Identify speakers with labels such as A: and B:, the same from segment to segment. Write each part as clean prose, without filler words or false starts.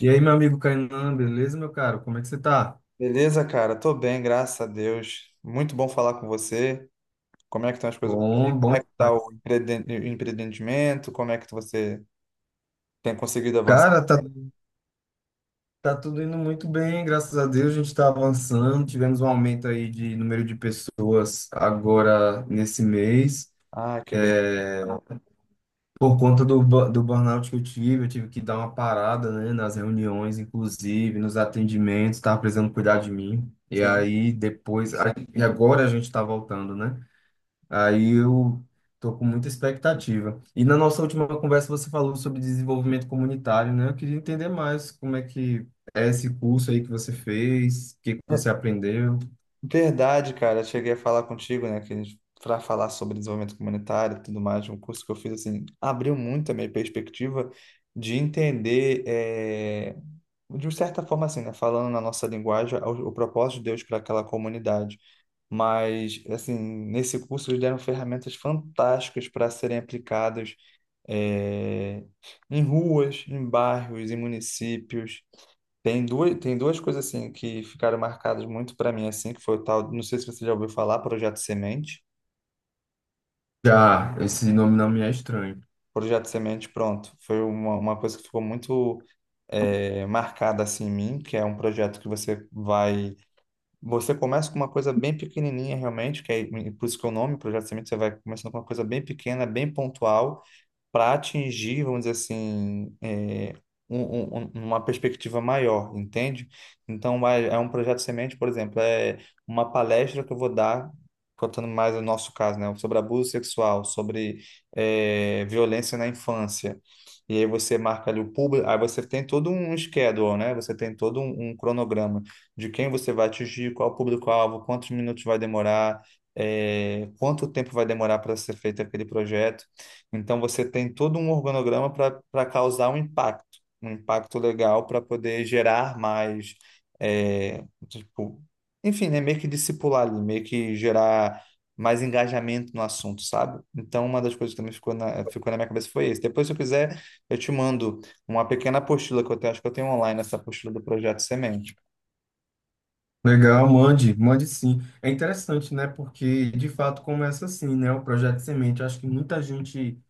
A: E aí, meu amigo Kainan, beleza, meu caro? Como é que você tá?
B: Beleza, cara? Tô bem, graças a Deus. Muito bom falar com você. Como é que estão as coisas por aí?
A: Bom,
B: Como
A: bom
B: é que tá o
A: demais.
B: empreendimento? Como é que você tem conseguido avançar?
A: Cara, tá, tá tudo indo muito bem, graças a Deus, a gente tá avançando, tivemos um aumento aí de número de pessoas agora nesse mês,
B: Ah, que bem.
A: por conta do, do burnout que eu tive que dar uma parada, né, nas reuniões, inclusive, nos atendimentos, tava precisando cuidar de mim, e
B: Sim.
A: aí depois, aí agora a gente tá voltando, né? Aí eu tô com muita expectativa. E na nossa última conversa você falou sobre desenvolvimento comunitário, né? Eu queria entender mais como é que é esse curso aí que você fez, o que que você aprendeu.
B: Verdade, cara. Eu cheguei a falar contigo, né, que para falar sobre desenvolvimento comunitário e tudo mais, um curso que eu fiz assim, abriu muito a minha perspectiva de entender, de certa forma assim, né, falando na nossa linguagem, o propósito de Deus para aquela comunidade. Mas assim, nesse curso eles deram ferramentas fantásticas para serem aplicadas eh, em ruas, em bairros, em municípios. Tem duas coisas assim que ficaram marcadas muito para mim assim, que foi o tal, não sei se você já ouviu falar, Projeto Semente.
A: Já, esse nome não me é estranho.
B: Projeto Semente, pronto, foi uma coisa que ficou muito marcada assim em mim, que é um projeto que você começa com uma coisa bem pequenininha realmente, que é por isso que é o nome Projeto Semente, você vai começando com uma coisa bem pequena, bem pontual para atingir, vamos dizer assim, é, uma perspectiva maior, entende? Então, é um projeto semente, por exemplo, é uma palestra que eu vou dar, contando mais o nosso caso, né, sobre abuso sexual, sobre é, violência na infância. E aí você marca ali o público, aí você tem todo um schedule, né? Você tem todo um cronograma de quem você vai atingir, qual público-alvo, quantos minutos vai demorar, é, quanto tempo vai demorar para ser feito aquele projeto. Então você tem todo um organograma para para causar um impacto legal para poder gerar mais, é, tipo, enfim, né, meio que discipular ali, meio que gerar mais engajamento no assunto, sabe? Então uma das coisas que também ficou ficou na minha cabeça foi isso. Depois, se eu quiser, eu te mando uma pequena apostila que eu tenho, acho que eu tenho online essa apostila do Projeto Semente.
A: Legal, mande, mande sim. É interessante, né? Porque de fato começa assim, né? O projeto Semente. Eu acho que muita gente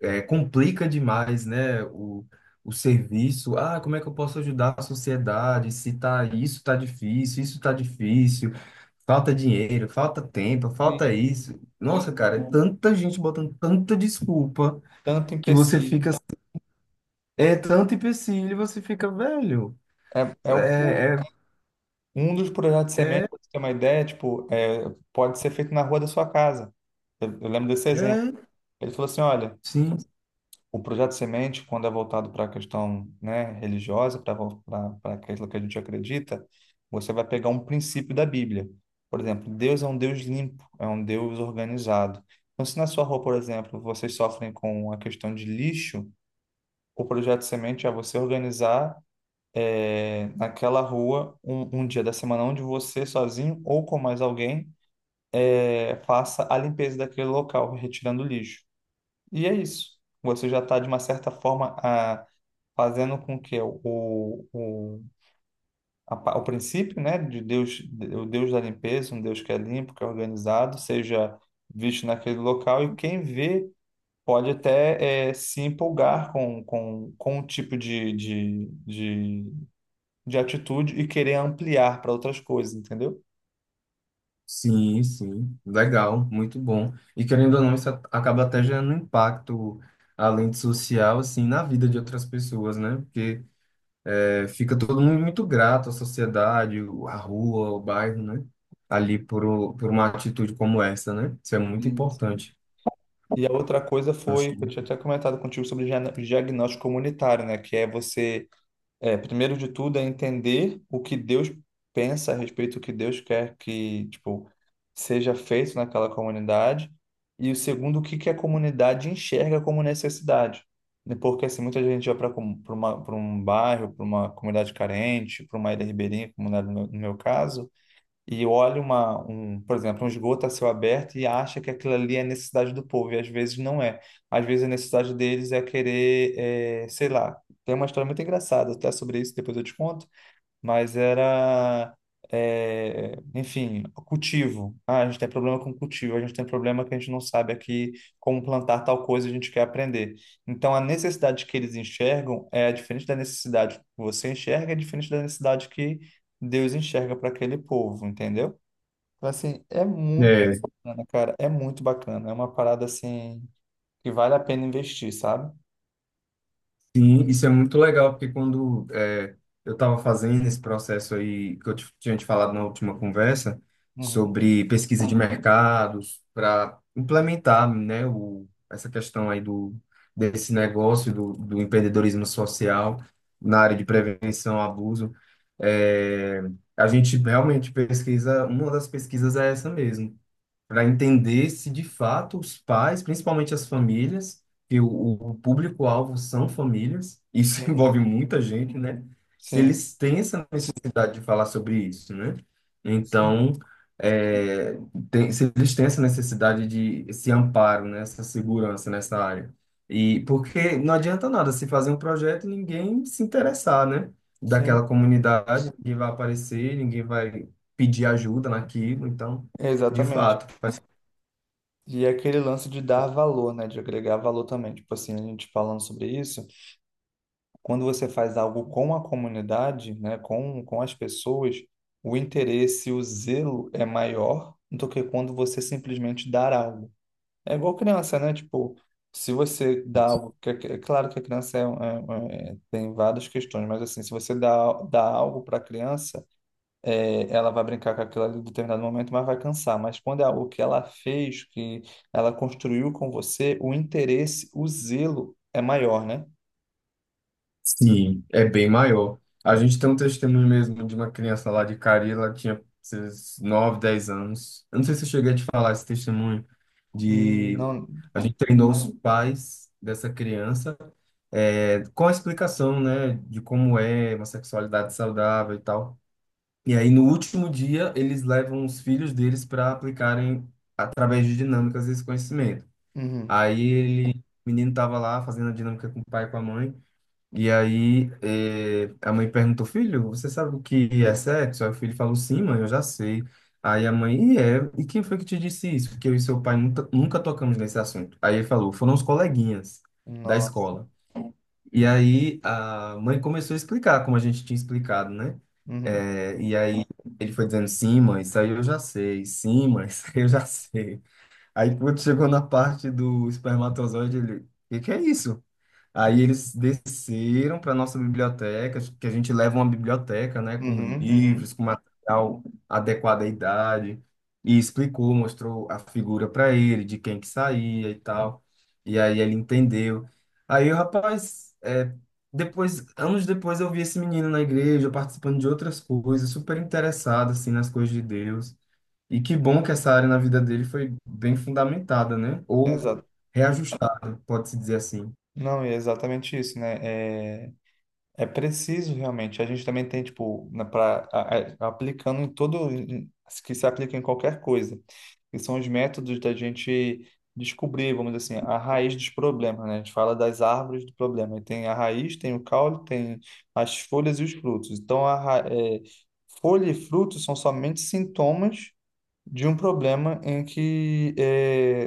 A: complica demais, né, o serviço. Ah, como é que eu posso ajudar a sociedade? Se tá, isso tá difícil, falta dinheiro, falta tempo, falta
B: Sim.
A: isso. Nossa, cara, é tanta gente botando tanta desculpa
B: Tanto
A: que você
B: empecilho,
A: fica. É tanto empecilho, e você fica velho.
B: é, é o
A: É,
B: pouco. Um dos projetos de semente,
A: é,
B: para você ter uma ideia, tipo, é, pode ser feito na rua da sua casa. Eu lembro desse exemplo.
A: é,
B: Ele falou assim, olha,
A: sim,
B: o projeto de semente, quando é voltado para a questão, né, religiosa, para aquilo que a gente acredita, você vai pegar um princípio da Bíblia. Por exemplo, Deus é um Deus limpo, é um Deus organizado. Então, se na sua rua, por exemplo, vocês sofrem com a questão de lixo, o projeto de semente é você organizar é, naquela rua um dia da semana onde você sozinho ou com mais alguém é, faça a limpeza daquele local, retirando o lixo. E é isso. Você já está, de uma certa forma, a, fazendo com que o princípio, né, de Deus, o Deus da limpeza, um Deus que é limpo, que é organizado, seja visto naquele local e quem vê pode até eh, se empolgar com o tipo de atitude e querer ampliar para outras coisas, entendeu?
A: sim. Sim, Legal, muito bom. E querendo ou não, acaba até gerando um impacto, além de social, assim, na vida de outras pessoas, né? Porque fica todo mundo muito grato à sociedade, a rua, o bairro, né? Ali por uma atitude como essa, né? Isso é muito
B: Sim, sim.
A: importante.
B: E a outra coisa
A: Acho
B: foi,
A: que.
B: que eu tinha até comentado contigo sobre diagnóstico comunitário, né? Que é você, é, primeiro de tudo, é entender o que Deus pensa a respeito do que Deus quer que, tipo, seja feito naquela comunidade. E o segundo, o que que a comunidade enxerga como necessidade, né? Porque, assim, muita gente vai para um bairro, para uma comunidade carente, para uma ilha ribeirinha, como era no meu caso, e olha por exemplo, um esgoto a céu aberto e acha que aquilo ali é a necessidade do povo, e às vezes não é. Às vezes a necessidade deles é querer, eh, sei lá, tem uma história muito engraçada até sobre isso, depois eu te conto, mas era, é, enfim, cultivo. Ah, a gente tem problema com cultivo, a gente tem problema que a gente não sabe aqui como plantar tal coisa, a gente quer aprender. Então, a necessidade que eles enxergam é diferente da necessidade que você enxerga, é diferente da necessidade que Deus enxerga para aquele povo, entendeu? Então, assim, é muito
A: É.
B: bacana, cara, é muito bacana. É uma parada, assim, que vale a pena investir, sabe?
A: Sim, isso é muito legal, porque eu estava fazendo esse processo aí, que tinha te falado na última conversa,
B: Uhum.
A: sobre pesquisa de mercados, para implementar, né, essa questão aí do, desse negócio do, do empreendedorismo social na área de prevenção ao abuso, é, a gente realmente pesquisa, uma das pesquisas é essa mesmo para entender se de fato os pais, principalmente as famílias, que o público-alvo são famílias, isso
B: Uhum.
A: envolve muita gente, né? Se
B: Sim,
A: eles têm essa necessidade de falar sobre isso, né?
B: sim,
A: Então, é, se eles têm essa necessidade de esse amparo, né? Essa segurança nessa área. E porque não adianta nada se fazer um projeto e ninguém se interessar, né? Daquela
B: sim,
A: comunidade, ninguém vai aparecer, ninguém vai pedir ajuda naquilo, então, de
B: exatamente.
A: fato.
B: E é aquele lance de dar valor, né? De agregar valor também. Tipo assim, a gente falando sobre isso, quando você faz algo com a comunidade, né? Com as pessoas, o interesse, o zelo é maior do que quando você simplesmente dar algo. É igual criança, né? Tipo, se você dá algo. É claro que a criança tem várias questões, mas assim, se você dá algo para a criança é, ela vai brincar com aquilo ali em determinado momento, mas vai cansar. Mas quando é algo que ela fez, que ela construiu com você, o interesse, o zelo é maior, né?
A: Sim, é bem maior. A gente tem um testemunho mesmo de uma criança lá de Cari, ela tinha esses 9 10 anos. Eu não sei se eu cheguei a te falar esse testemunho
B: Hum.
A: de
B: Não.
A: a gente treinou os pais dessa criança com a explicação, né, de como é uma sexualidade saudável e tal. E aí no último dia eles levam os filhos deles para aplicarem através de dinâmicas esse conhecimento.
B: Uhum.
A: Aí ele, o menino tava lá fazendo a dinâmica com o pai e com a mãe. E aí a mãe perguntou, filho, você sabe o que é sexo? Aí o filho falou, sim, mãe, eu já sei. Aí a mãe, e é, e quem foi que te disse isso? Porque eu e seu pai nunca, nunca tocamos nesse assunto. Aí ele falou, foram os coleguinhas da
B: Nossa.
A: escola. E aí a mãe começou a explicar, como a gente tinha explicado, né?
B: Uhum.
A: E aí ele foi dizendo, sim, mãe, isso aí eu já sei, sim, mãe, isso aí eu já sei. Aí quando chegou na parte do espermatozoide, ele, o que que é isso? Aí eles desceram para nossa biblioteca, que a gente leva uma biblioteca, né, com
B: Uhum. Uhum.
A: livros, com material adequado à idade, e explicou, mostrou a figura para ele, de quem que saía e tal. E aí ele entendeu. Aí o rapaz, depois, anos depois eu vi esse menino na igreja participando de outras coisas, super interessado assim nas coisas de Deus. E que bom que essa área na vida dele foi bem fundamentada, né? Ou
B: Exato.
A: reajustada, pode-se dizer assim.
B: Não, é exatamente isso, né? É, é preciso realmente. A gente também tem, tipo, na, pra, a- aplicando em todo, que se aplica em qualquer coisa, que são os métodos da gente descobrir, vamos dizer assim, a raiz dos problemas, né? A gente fala das árvores do problema. E tem a raiz, tem o caule, tem as folhas e os frutos. Então, é, folha e frutos são somente sintomas de um problema em que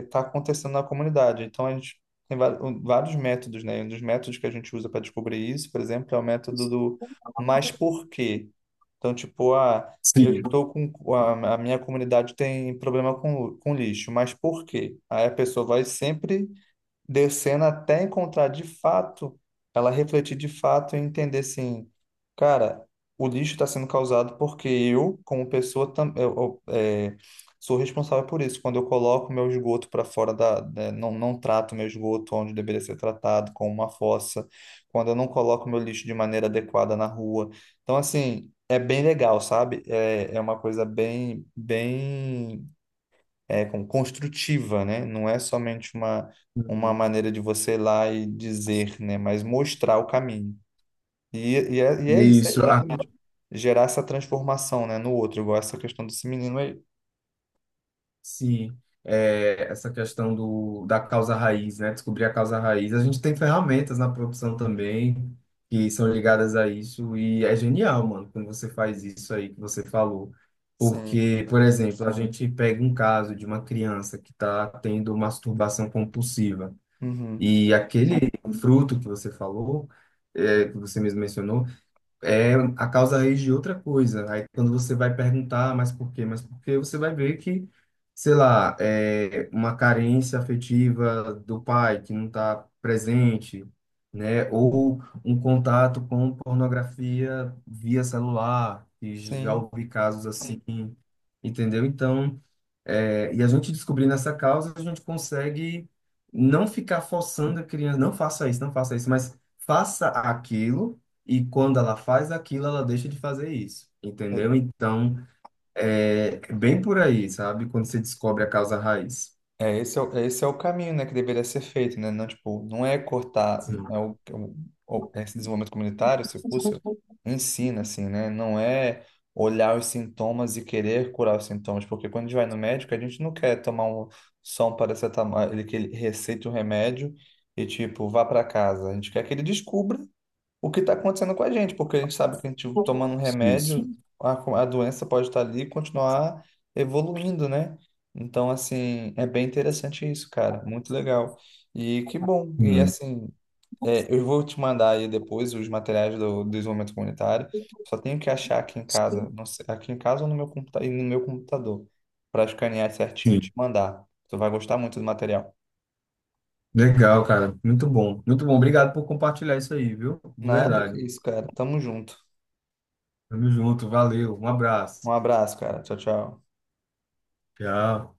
B: está acontecendo na comunidade. Então, a gente tem vários métodos, né? Um dos métodos que a gente usa para descobrir isso, por exemplo, é o método do mas por quê? Então, tipo, ah, eu
A: Sim.
B: estou com a minha comunidade tem problema com lixo, mas por quê? Aí a pessoa vai sempre descendo até encontrar de fato, ela refletir de fato e entender assim, cara, o lixo está sendo causado porque eu, como pessoa, é, sou responsável por isso. Quando eu coloco meu esgoto para fora da, né, não, não trato meu esgoto onde deveria ser tratado, como uma fossa, quando eu não coloco meu lixo de maneira adequada na rua. Então, assim, é bem legal, sabe? É, é uma coisa bem, bem é, como construtiva, né? Não é somente uma
A: Sim,
B: maneira de você ir lá e dizer, né? Mas mostrar o caminho. E, e é isso, é
A: isso. A.
B: exatamente. Gerar essa transformação, né, no outro, igual essa questão desse menino aí.
A: Sim, essa questão do, da causa raiz, né? Descobrir a causa raiz. A gente tem ferramentas na produção também que são ligadas a isso e é genial, mano, quando você faz isso aí que você falou.
B: Sim.
A: Porque, por exemplo, a gente pega um caso de uma criança que está tendo masturbação compulsiva
B: Uhum.
A: e aquele fruto que você falou, que você mesmo mencionou, é a causa raiz de outra coisa. Aí quando você vai perguntar, "Ah, mas por quê? Mas por quê?" Você vai ver que, sei lá, é uma carência afetiva do pai que não está presente, né? Ou um contato com pornografia via celular, que já
B: Sim.
A: ouvi casos assim, entendeu? Então e a gente descobrindo essa causa, a gente consegue não ficar forçando a criança, não faça isso, não faça isso, mas faça aquilo, e quando ela faz aquilo, ela deixa de fazer isso,
B: É,
A: entendeu? Então, é é bem por aí, sabe? Quando você descobre a causa raiz.
B: Esse é, esse é o caminho, né, que deveria ser feito, né? Não, tipo, não é cortar
A: Sim,
B: é é esse desenvolvimento comunitário, esse curso, ensina, assim, né? Não é olhar os sintomas e querer curar os sintomas, porque quando a gente vai no médico, a gente não quer tomar só um paracetamol, ele receita o remédio e, tipo, vá para casa. A gente quer que ele descubra o que está acontecendo com a gente, porque a gente sabe que a gente tomando um
A: isso.
B: remédio, a doença pode estar ali e continuar evoluindo, né? Então, assim, é bem interessante isso, cara. Muito legal. E que bom. E
A: Hum.
B: assim, é, eu vou te mandar aí depois os materiais do desenvolvimento comunitário. Só tenho que achar aqui em casa,
A: Sim.
B: não sei, aqui em casa ou no meu computa e no meu computador, para escanear certinho e te
A: Sim.
B: mandar. Tu vai gostar muito do material.
A: Legal, cara. Muito bom. Muito bom. Obrigado por compartilhar isso aí, viu? De
B: Nada que
A: verdade.
B: isso, cara. Tamo junto.
A: Tamo junto. Valeu. Um
B: Um
A: abraço.
B: abraço, cara. Tchau, tchau.
A: Tchau.